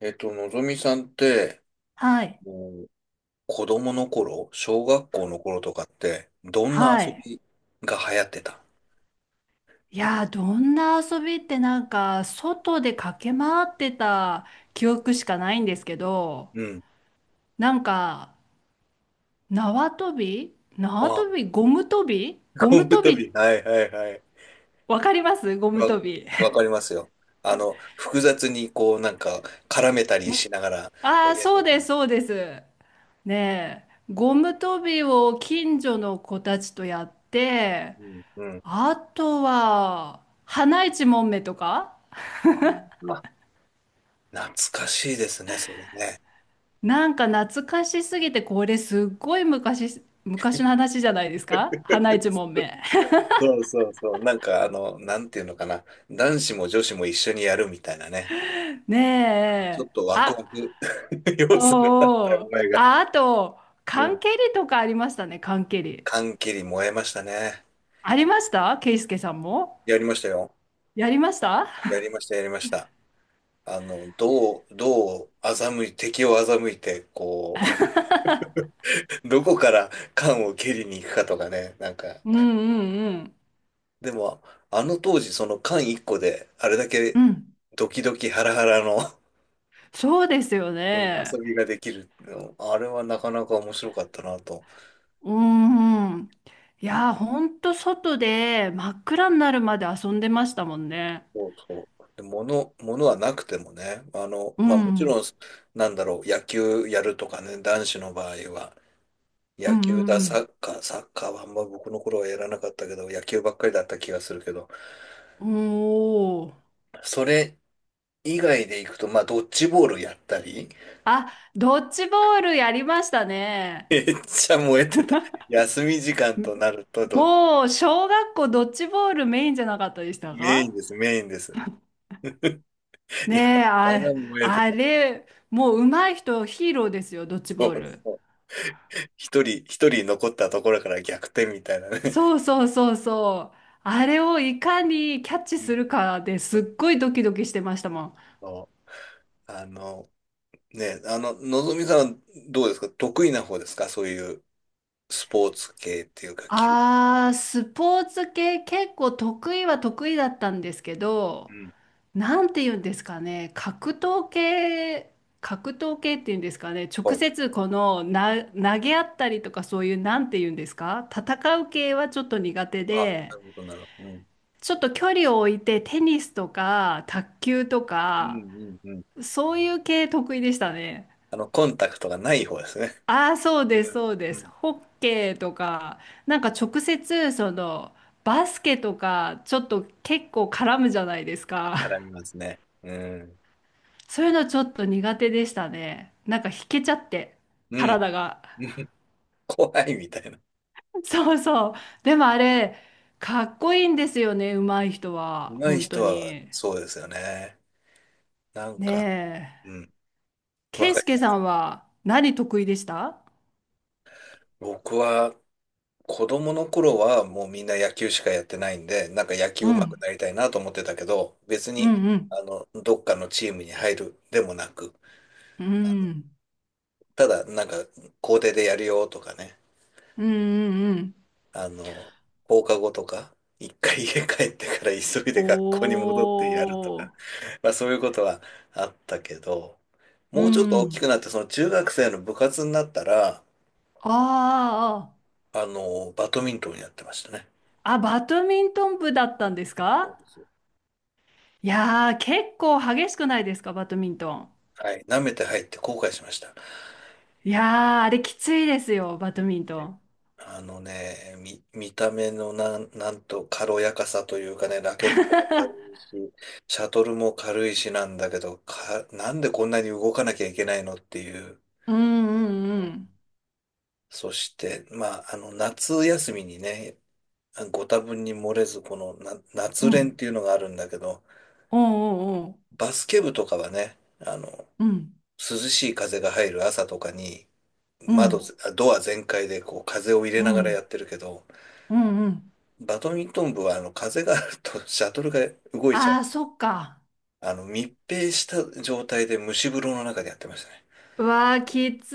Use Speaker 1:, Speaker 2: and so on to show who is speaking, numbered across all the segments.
Speaker 1: のぞみさんって、
Speaker 2: はい。
Speaker 1: もう子供の頃、小学校の頃とかって、どんな
Speaker 2: は
Speaker 1: 遊
Speaker 2: い。
Speaker 1: びが流行ってた？
Speaker 2: いやー、どんな遊びって、なんか、外で駆け回ってた記憶しかないんですけど、
Speaker 1: うん。
Speaker 2: なんか、縄跳び縄
Speaker 1: ああ、
Speaker 2: 跳びゴム跳びゴム
Speaker 1: 昆布
Speaker 2: 跳
Speaker 1: 飛
Speaker 2: び、
Speaker 1: び。はいはいはい。
Speaker 2: わかります、ゴム
Speaker 1: わ、
Speaker 2: 跳び。
Speaker 1: わかりますよ。複雑にこう、なんか、絡めたりしながら
Speaker 2: あ
Speaker 1: や
Speaker 2: あ、
Speaker 1: るやつ
Speaker 2: そう
Speaker 1: です
Speaker 2: で
Speaker 1: ね。
Speaker 2: す、そうです。ねえ、ゴム跳びを近所の子たちとやって、
Speaker 1: うん。うん。
Speaker 2: あとは、花いちもんめとか。
Speaker 1: あ、あ懐かしいですね、それね。
Speaker 2: なんか懐かしすぎて、これすっごい昔、昔の話じゃないですか、花一問 目。
Speaker 1: そうそうそう。なんか、なんていうのかな。男子も女子も一緒にやるみたいなね。ちょ
Speaker 2: ね
Speaker 1: っ
Speaker 2: え。
Speaker 1: とワクワ
Speaker 2: あ、
Speaker 1: ク
Speaker 2: お
Speaker 1: 要素があった
Speaker 2: ーお
Speaker 1: お
Speaker 2: ー。
Speaker 1: 前が。
Speaker 2: あ、あと、
Speaker 1: う
Speaker 2: 缶
Speaker 1: ん。
Speaker 2: 蹴りとかありましたね、缶蹴り。
Speaker 1: 缶切り燃えましたね。
Speaker 2: ありました、ケイスケさんも。
Speaker 1: やりましたよ。
Speaker 2: やりました。
Speaker 1: やりました、やりました。あの、どう、どう欺い、敵を欺いて、こう、どこから缶を蹴りに行くかとかね、なんか。
Speaker 2: うんうんうん。
Speaker 1: でも、あの当時、その缶1個で、あれだ
Speaker 2: う
Speaker 1: け
Speaker 2: ん。
Speaker 1: ドキドキハラハラの、
Speaker 2: そうですよ
Speaker 1: うん、 遊
Speaker 2: ね。
Speaker 1: びができるの。あれはなかなか面白かったなと。
Speaker 2: うんうん。いやー、ほんと外で真っ暗になるまで遊んでましたもんね。
Speaker 1: そうそう。で、物はなくてもね、
Speaker 2: う
Speaker 1: まあもち
Speaker 2: ん。
Speaker 1: ろん、なんだろう、野球やるとかね、男子の場合は、
Speaker 2: う
Speaker 1: 野球
Speaker 2: ん
Speaker 1: だ、
Speaker 2: う
Speaker 1: サ
Speaker 2: ん
Speaker 1: ッカー、サッカーはあんま僕の頃はやらなかったけど、野球ばっかりだった気がするけど、
Speaker 2: うん。おー。
Speaker 1: それ以外で行くと、まあドッジボールやったり、
Speaker 2: あ、ドッジボールやりました ね。
Speaker 1: めっちゃ燃えてた。休み時間となると
Speaker 2: もう、小学校ドッジボールメインじゃなかったでした
Speaker 1: メイン
Speaker 2: か？
Speaker 1: です、メインです。いや、
Speaker 2: ねえ、
Speaker 1: から
Speaker 2: あ、
Speaker 1: 燃えて
Speaker 2: あ
Speaker 1: た。
Speaker 2: れ、もう上手い人ヒーローですよ、ドッジ
Speaker 1: そ
Speaker 2: ボー
Speaker 1: う
Speaker 2: ル。
Speaker 1: そう。一人残ったところから逆転みたいなね。
Speaker 2: そうそうそうそう。あれをいかにキャッチ
Speaker 1: う
Speaker 2: す
Speaker 1: ん、
Speaker 2: るかです
Speaker 1: そう
Speaker 2: っごいドキドキしてましたもん。
Speaker 1: そう。ね、のぞみさんはどうですか？得意な方ですか？そういうスポーツ系っていうか、球。
Speaker 2: あー、スポーツ系結構得意は得意だったんですけ
Speaker 1: う
Speaker 2: ど、
Speaker 1: ん。
Speaker 2: なんて言うんですかね、格闘系、格闘系っていうんですかね、
Speaker 1: は
Speaker 2: 直
Speaker 1: い。
Speaker 2: 接このな投げ合ったりとか、そういうなんて言うんですか、戦う系はちょっと苦手
Speaker 1: あ、な
Speaker 2: で、
Speaker 1: るほど、なるほど。うん。
Speaker 2: ちょっと距離を置いてテニスとか卓球と
Speaker 1: う
Speaker 2: か、
Speaker 1: んうんうん。
Speaker 2: そういう系得意でしたね。
Speaker 1: コンタクトがない方ですね。
Speaker 2: ああ、そう
Speaker 1: う
Speaker 2: です、
Speaker 1: ん。
Speaker 2: そうで
Speaker 1: う
Speaker 2: す。
Speaker 1: ん。
Speaker 2: ホッケーとか、なんか直接そのバスケとか、ちょっと結構絡むじゃないですか。
Speaker 1: 絡みますね。うん。
Speaker 2: そういうのちょっと苦手でしたね。なんか引けちゃって、
Speaker 1: うん。
Speaker 2: 体が。
Speaker 1: うん、怖いみたいな。
Speaker 2: そうそう。でもあれ、かっこいいんですよね、上手い人
Speaker 1: 上
Speaker 2: は。
Speaker 1: 手い
Speaker 2: 本当
Speaker 1: 人は
Speaker 2: に。
Speaker 1: そうですよね。なん
Speaker 2: ね
Speaker 1: か、う
Speaker 2: え。
Speaker 1: ん。わ
Speaker 2: ケイ
Speaker 1: か
Speaker 2: ス
Speaker 1: る。
Speaker 2: ケさんは何得意でした？
Speaker 1: 僕は子供の頃はもうみんな野球しかやってないんで、なんか野球
Speaker 2: う
Speaker 1: 上手く
Speaker 2: ん。
Speaker 1: なりたいなと思ってたけど、別
Speaker 2: う
Speaker 1: に、
Speaker 2: んうん。
Speaker 1: どっかのチームに入るでもなく、
Speaker 2: うん。
Speaker 1: ただなんか校庭でやるよとかね、
Speaker 2: うんうんうん。
Speaker 1: あの、放課後とか、一回 家帰ってから急い
Speaker 2: お
Speaker 1: で学校に戻ってやるとか、
Speaker 2: ー。
Speaker 1: まあそういうことはあったけど、
Speaker 2: う
Speaker 1: もうちょっと大き
Speaker 2: ん。
Speaker 1: くなって、その中学生の部活になったら、
Speaker 2: あー
Speaker 1: バドミントンやってましたね。
Speaker 2: あー。あ、バドミントン部だったんです
Speaker 1: そう
Speaker 2: か？
Speaker 1: です。
Speaker 2: いやー、結構激しくないですか、バドミントン。
Speaker 1: はい、舐めて入って後悔しました。
Speaker 2: いやー、あれきついですよ、バドミントン。
Speaker 1: あのね、見た目のなんと軽やかさというかね、ラケットも軽い し、シャトルも軽いしなんだけど、なんでこんなに動かなきゃいけないのっていう。
Speaker 2: うんうん
Speaker 1: そして、まあ、夏休みにね、ご多分に漏れず、このな
Speaker 2: う
Speaker 1: 夏
Speaker 2: ん。う
Speaker 1: 練っ
Speaker 2: ん。
Speaker 1: ていうのがあるんだけど、
Speaker 2: おうおうお
Speaker 1: バスケ部とかはね、
Speaker 2: う。うん。
Speaker 1: 涼しい風が入る朝とかに、
Speaker 2: う
Speaker 1: 窓
Speaker 2: ん。
Speaker 1: ぜ、あドア全開でこう風を入れ
Speaker 2: う
Speaker 1: ながらや
Speaker 2: ん。
Speaker 1: ってるけど、
Speaker 2: うんうん。
Speaker 1: バドミントン部はあの風があるとシャトルが動いちゃ
Speaker 2: あ
Speaker 1: う。
Speaker 2: あ、そっか。
Speaker 1: 密閉した状態で蒸し風呂の中でやってましたね。
Speaker 2: うわあ、きつ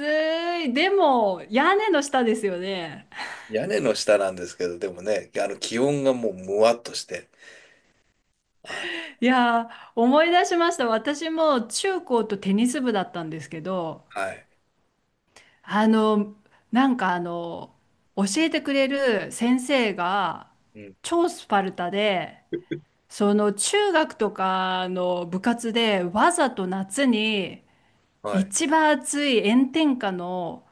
Speaker 2: い。でも、屋根の下ですよね。
Speaker 1: 屋根の下なんですけど、でもね、気温がもうむわっとして、あ、
Speaker 2: いやー、思い出しました。私も中高とテニス部だったんですけど、
Speaker 1: はい、
Speaker 2: あの、なんか、あの、教えてくれる先生が、
Speaker 1: うん、
Speaker 2: 超スパルタで、その中学とかの部活でわざと夏に
Speaker 1: はい、
Speaker 2: 一番暑い炎天下の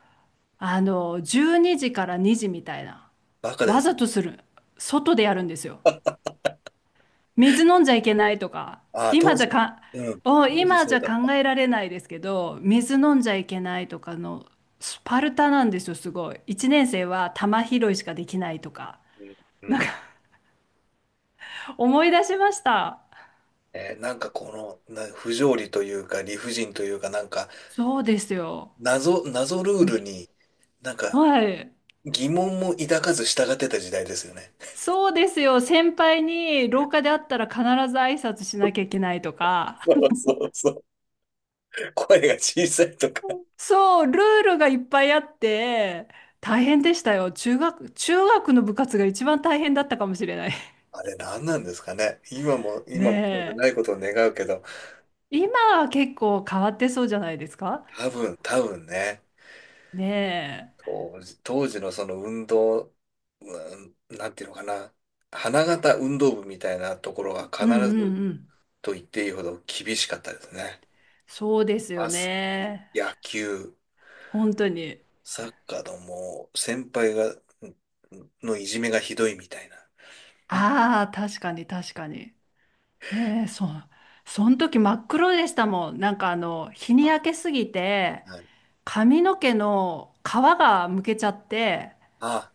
Speaker 2: あの12時から2時みたいな、
Speaker 1: バカで
Speaker 2: わ
Speaker 1: す
Speaker 2: ざ
Speaker 1: ね。
Speaker 2: とする、外でやるんですよ。水飲んじゃいけないとか、
Speaker 1: ああ、当
Speaker 2: 今じゃ
Speaker 1: 時、
Speaker 2: か
Speaker 1: うん、当時
Speaker 2: 今じ
Speaker 1: そう
Speaker 2: ゃ
Speaker 1: だっ
Speaker 2: 考
Speaker 1: た。
Speaker 2: えられないですけど、水飲んじゃいけないとかの、スパルタなんですよ、すごい。1年生は玉拾いしかできないとか、
Speaker 1: うん、うん。
Speaker 2: 思い出しました。
Speaker 1: なんかこのな不条理というか理不尽というか、なんか
Speaker 2: そうですよ。
Speaker 1: 謎ルールになんか
Speaker 2: はい。
Speaker 1: 疑問も抱かず従ってた時代ですよね。
Speaker 2: そうですよ。先輩に廊下で会ったら必ず挨拶しなきゃいけないとか。
Speaker 1: そうそうそう。声が小さいとか、
Speaker 2: そう、ルールがいっぱいあって、大変でしたよ。中学の部活が一番大変だったかもしれない。
Speaker 1: あれ何なんですかね。今も、今もそうで
Speaker 2: ね
Speaker 1: ないことを願うけど、
Speaker 2: え。今は結構変わってそうじゃないですか？
Speaker 1: 多分ね、
Speaker 2: ね
Speaker 1: 当時のその運動、うん、なんていうのかな、花形運動部みたいなところは
Speaker 2: え。
Speaker 1: 必
Speaker 2: うんう
Speaker 1: ず
Speaker 2: んうん。
Speaker 1: と言っていいほど厳しかったですね。
Speaker 2: そうですよ
Speaker 1: バスケ、
Speaker 2: ね。
Speaker 1: 野球、
Speaker 2: 本当に。
Speaker 1: サッカーのもう先輩が、んのいじめがひどいみたいな。
Speaker 2: ああ、確かに確かに。ねえ、そう。その時真っ黒でしたもん。なんかあの、日に
Speaker 1: あ、
Speaker 2: 焼けすぎて、
Speaker 1: はい。
Speaker 2: 髪の毛の皮がむけちゃって、
Speaker 1: あ、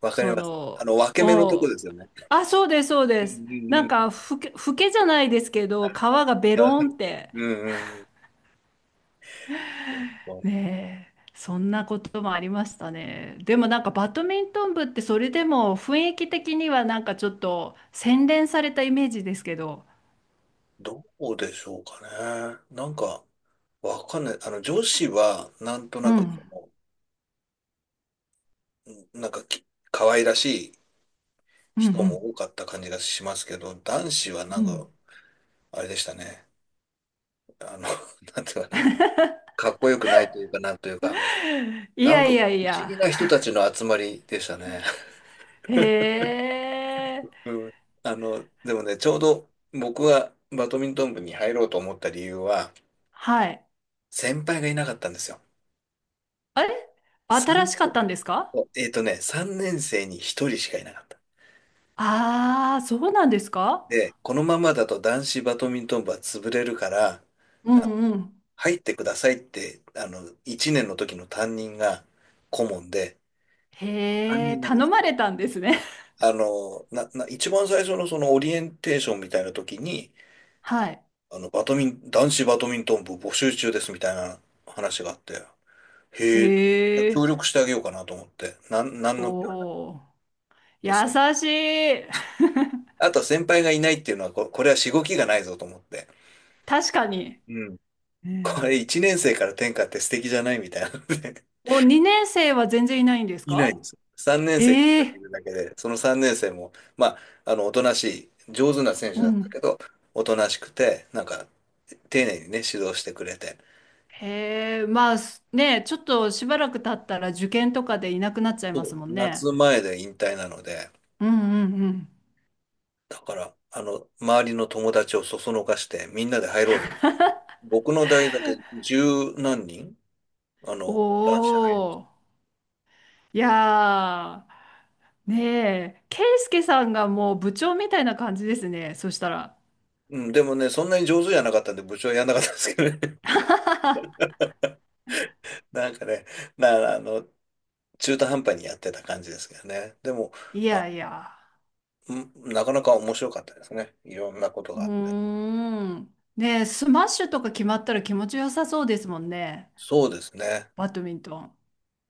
Speaker 1: わかり
Speaker 2: そ
Speaker 1: ます。
Speaker 2: の、
Speaker 1: 分け目のとこ
Speaker 2: お、
Speaker 1: ですよね。
Speaker 2: あ、そうです、そう
Speaker 1: う
Speaker 2: で
Speaker 1: ん
Speaker 2: す。
Speaker 1: うんう
Speaker 2: な
Speaker 1: ん
Speaker 2: ん
Speaker 1: う
Speaker 2: か、
Speaker 1: ん。
Speaker 2: ふけじゃないですけ
Speaker 1: は
Speaker 2: ど、皮
Speaker 1: い、
Speaker 2: がベロンって、
Speaker 1: うんうんうん。
Speaker 2: ねえ、そんなこともありましたね。でもなんか、バドミントン部ってそれでも雰囲気的にはなんかちょっと洗練されたイメージですけど、
Speaker 1: どうでしょうかね。なんか、わかんない。女子は、なんと
Speaker 2: う
Speaker 1: なく、
Speaker 2: ん、
Speaker 1: その、うん、なんか可愛らしい
Speaker 2: うん、う
Speaker 1: 人も
Speaker 2: ん、
Speaker 1: 多かった感じがしますけど、男子はな
Speaker 2: う
Speaker 1: んか、
Speaker 2: ん。
Speaker 1: あれでしたね。あの、なんていうかな、かっこよくないというか、なんというか、
Speaker 2: い
Speaker 1: なん
Speaker 2: や
Speaker 1: か、
Speaker 2: い
Speaker 1: 不思
Speaker 2: やいや、
Speaker 1: 議な人たちの集まりでしたね。
Speaker 2: へえ、
Speaker 1: うん。でもね、ちょうど僕がバドミントン部に入ろうと思った理由は、
Speaker 2: はい。
Speaker 1: 先輩がいなかったんですよ。
Speaker 2: あれ、新
Speaker 1: 3
Speaker 2: しかっ
Speaker 1: 年、
Speaker 2: たんですか？
Speaker 1: 3年生に1人しかいなかった。
Speaker 2: ああ、そうなんですか？
Speaker 1: で、このままだと男子バドミントン部は潰れるから、
Speaker 2: うん
Speaker 1: あ
Speaker 2: うん。
Speaker 1: 入ってくださいって、1年の時の担任が顧問で、担
Speaker 2: へえ、
Speaker 1: 任がで
Speaker 2: 頼
Speaker 1: すね、
Speaker 2: まれたんですね。
Speaker 1: あの、な、な、一番最初のそのオリエンテーションみたいな時に、
Speaker 2: はい。
Speaker 1: あの、バドミン、男子バドミントン部募集中ですみたいな話があって、へえ、
Speaker 2: へえ、
Speaker 1: 協力してあげようかなと思って、なん
Speaker 2: お
Speaker 1: の気はなく
Speaker 2: お、優
Speaker 1: て、
Speaker 2: しい。
Speaker 1: あと先輩がいないっていうのは、これはしごきがないぞと思って。
Speaker 2: 確かに。
Speaker 1: うん。
Speaker 2: う
Speaker 1: こ
Speaker 2: ん。
Speaker 1: れ1年生から天下って素敵じゃないみたいなので
Speaker 2: お、2年生は全然いないんで す
Speaker 1: いない
Speaker 2: か？
Speaker 1: です。3年生に
Speaker 2: え
Speaker 1: 1人
Speaker 2: え、
Speaker 1: いるだけで、その3年生も、まあ、おとなしい、上手な選手
Speaker 2: う
Speaker 1: だった
Speaker 2: ん。
Speaker 1: けど、おとなしくて、なんか、丁寧にね、指導してくれて、
Speaker 2: へえ、まあすね、ちょっとしばらく経ったら受験とかでいなくなっちゃいます
Speaker 1: そ
Speaker 2: も
Speaker 1: う。
Speaker 2: んね。
Speaker 1: 夏前で引退なので、
Speaker 2: うんうんうん。
Speaker 1: だから、周りの友達をそそのかして、みんなで入ろうぜ。僕の代だけ十何人、男
Speaker 2: お
Speaker 1: 子入りました。
Speaker 2: お。いやー、ねえ、ケイスケさんがもう部長みたいな感じですね、そしたら。
Speaker 1: うん、でもね、そんなに上手じゃなかったんで、部長はやんなかったんですけどね。なんかね、な、あの、中途半端にやってた感じですけどね。でも、
Speaker 2: い
Speaker 1: あ、
Speaker 2: やいや、
Speaker 1: なかなか面白かったですね。いろんなこと
Speaker 2: う
Speaker 1: があって。
Speaker 2: ーん。ねえ、スマッシュとか決まったら気持ちよさそうですもんね、
Speaker 1: そうですね。
Speaker 2: バドミントン。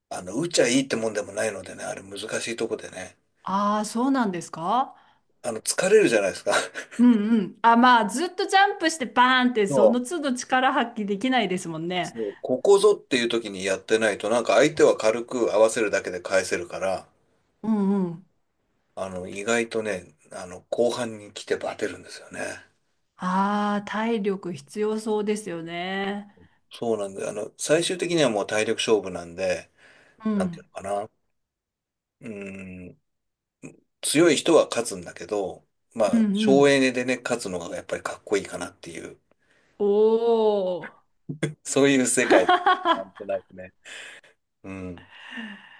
Speaker 1: 打っちゃいいってもんでもないのでね、あれ難しいとこでね。
Speaker 2: ああ、そうなんですか？
Speaker 1: 疲れるじゃないですか。
Speaker 2: うんうん。あ、まあ、ずっとジャンプしてバーンって、
Speaker 1: そ
Speaker 2: その
Speaker 1: う。
Speaker 2: 都度力発揮できないですもんね。
Speaker 1: そう、ここぞっていう時にやってないと、なんか相手は軽く合わせるだけで返せるから、
Speaker 2: うんうん。
Speaker 1: 意外とね、後半に来てバテるんですよね。
Speaker 2: ああ、体力必要そうですよね。
Speaker 1: そうなんで、最終的にはもう体力勝負なんで、
Speaker 2: う
Speaker 1: なんていう
Speaker 2: ん。
Speaker 1: のかな。うん、強い人は勝つんだけど、ま
Speaker 2: うん
Speaker 1: あ、
Speaker 2: う
Speaker 1: 省
Speaker 2: ん。
Speaker 1: エネでね、勝つのがやっぱりかっこいいかなっていう、
Speaker 2: おー。
Speaker 1: そういう世界、なんと なくね。うん。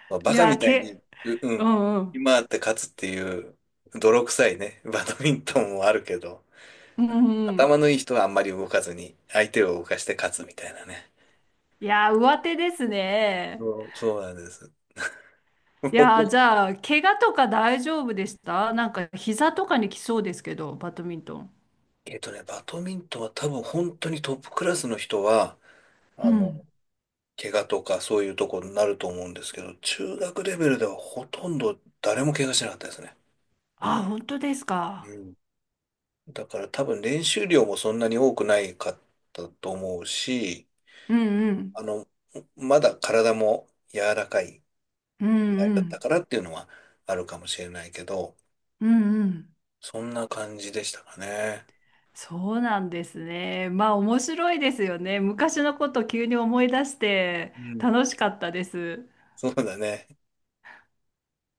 Speaker 1: まあ、
Speaker 2: い
Speaker 1: バカみ
Speaker 2: や、
Speaker 1: たいに、う
Speaker 2: う
Speaker 1: ん、
Speaker 2: んうん。
Speaker 1: 今って勝つっていう、泥臭いね、バドミントンもあるけど、
Speaker 2: うんうん。
Speaker 1: 頭のいい人はあんまり動かずに、相手を動かして勝つみたいなね。
Speaker 2: いや、上手ですね。
Speaker 1: そう、そうなんです。
Speaker 2: い
Speaker 1: 僕
Speaker 2: や、
Speaker 1: は
Speaker 2: じゃあ、怪我とか大丈夫でした？なんか、膝とかに来そうですけど、バドミントン。
Speaker 1: バドミントンは多分本当にトップクラスの人は、
Speaker 2: う
Speaker 1: あの、
Speaker 2: ん。
Speaker 1: 怪我とかそういうところになると思うんですけど、中学レベルではほとんど誰も怪我しなかったですね。
Speaker 2: あ、本当ですか。
Speaker 1: うん。だから多分練習量もそんなに多くないかったと思うし、
Speaker 2: うんう
Speaker 1: あ
Speaker 2: ん。
Speaker 1: の、まだ体も柔らかい
Speaker 2: う
Speaker 1: 時代
Speaker 2: んう
Speaker 1: だった
Speaker 2: ん。
Speaker 1: からっていうのはあるかもしれないけど、
Speaker 2: うんうん。
Speaker 1: そんな感じでしたかね。
Speaker 2: そうなんですね。まあ、面白いですよね。昔のこと急に思い出して、
Speaker 1: うん。
Speaker 2: 楽しかったです。
Speaker 1: そうだね。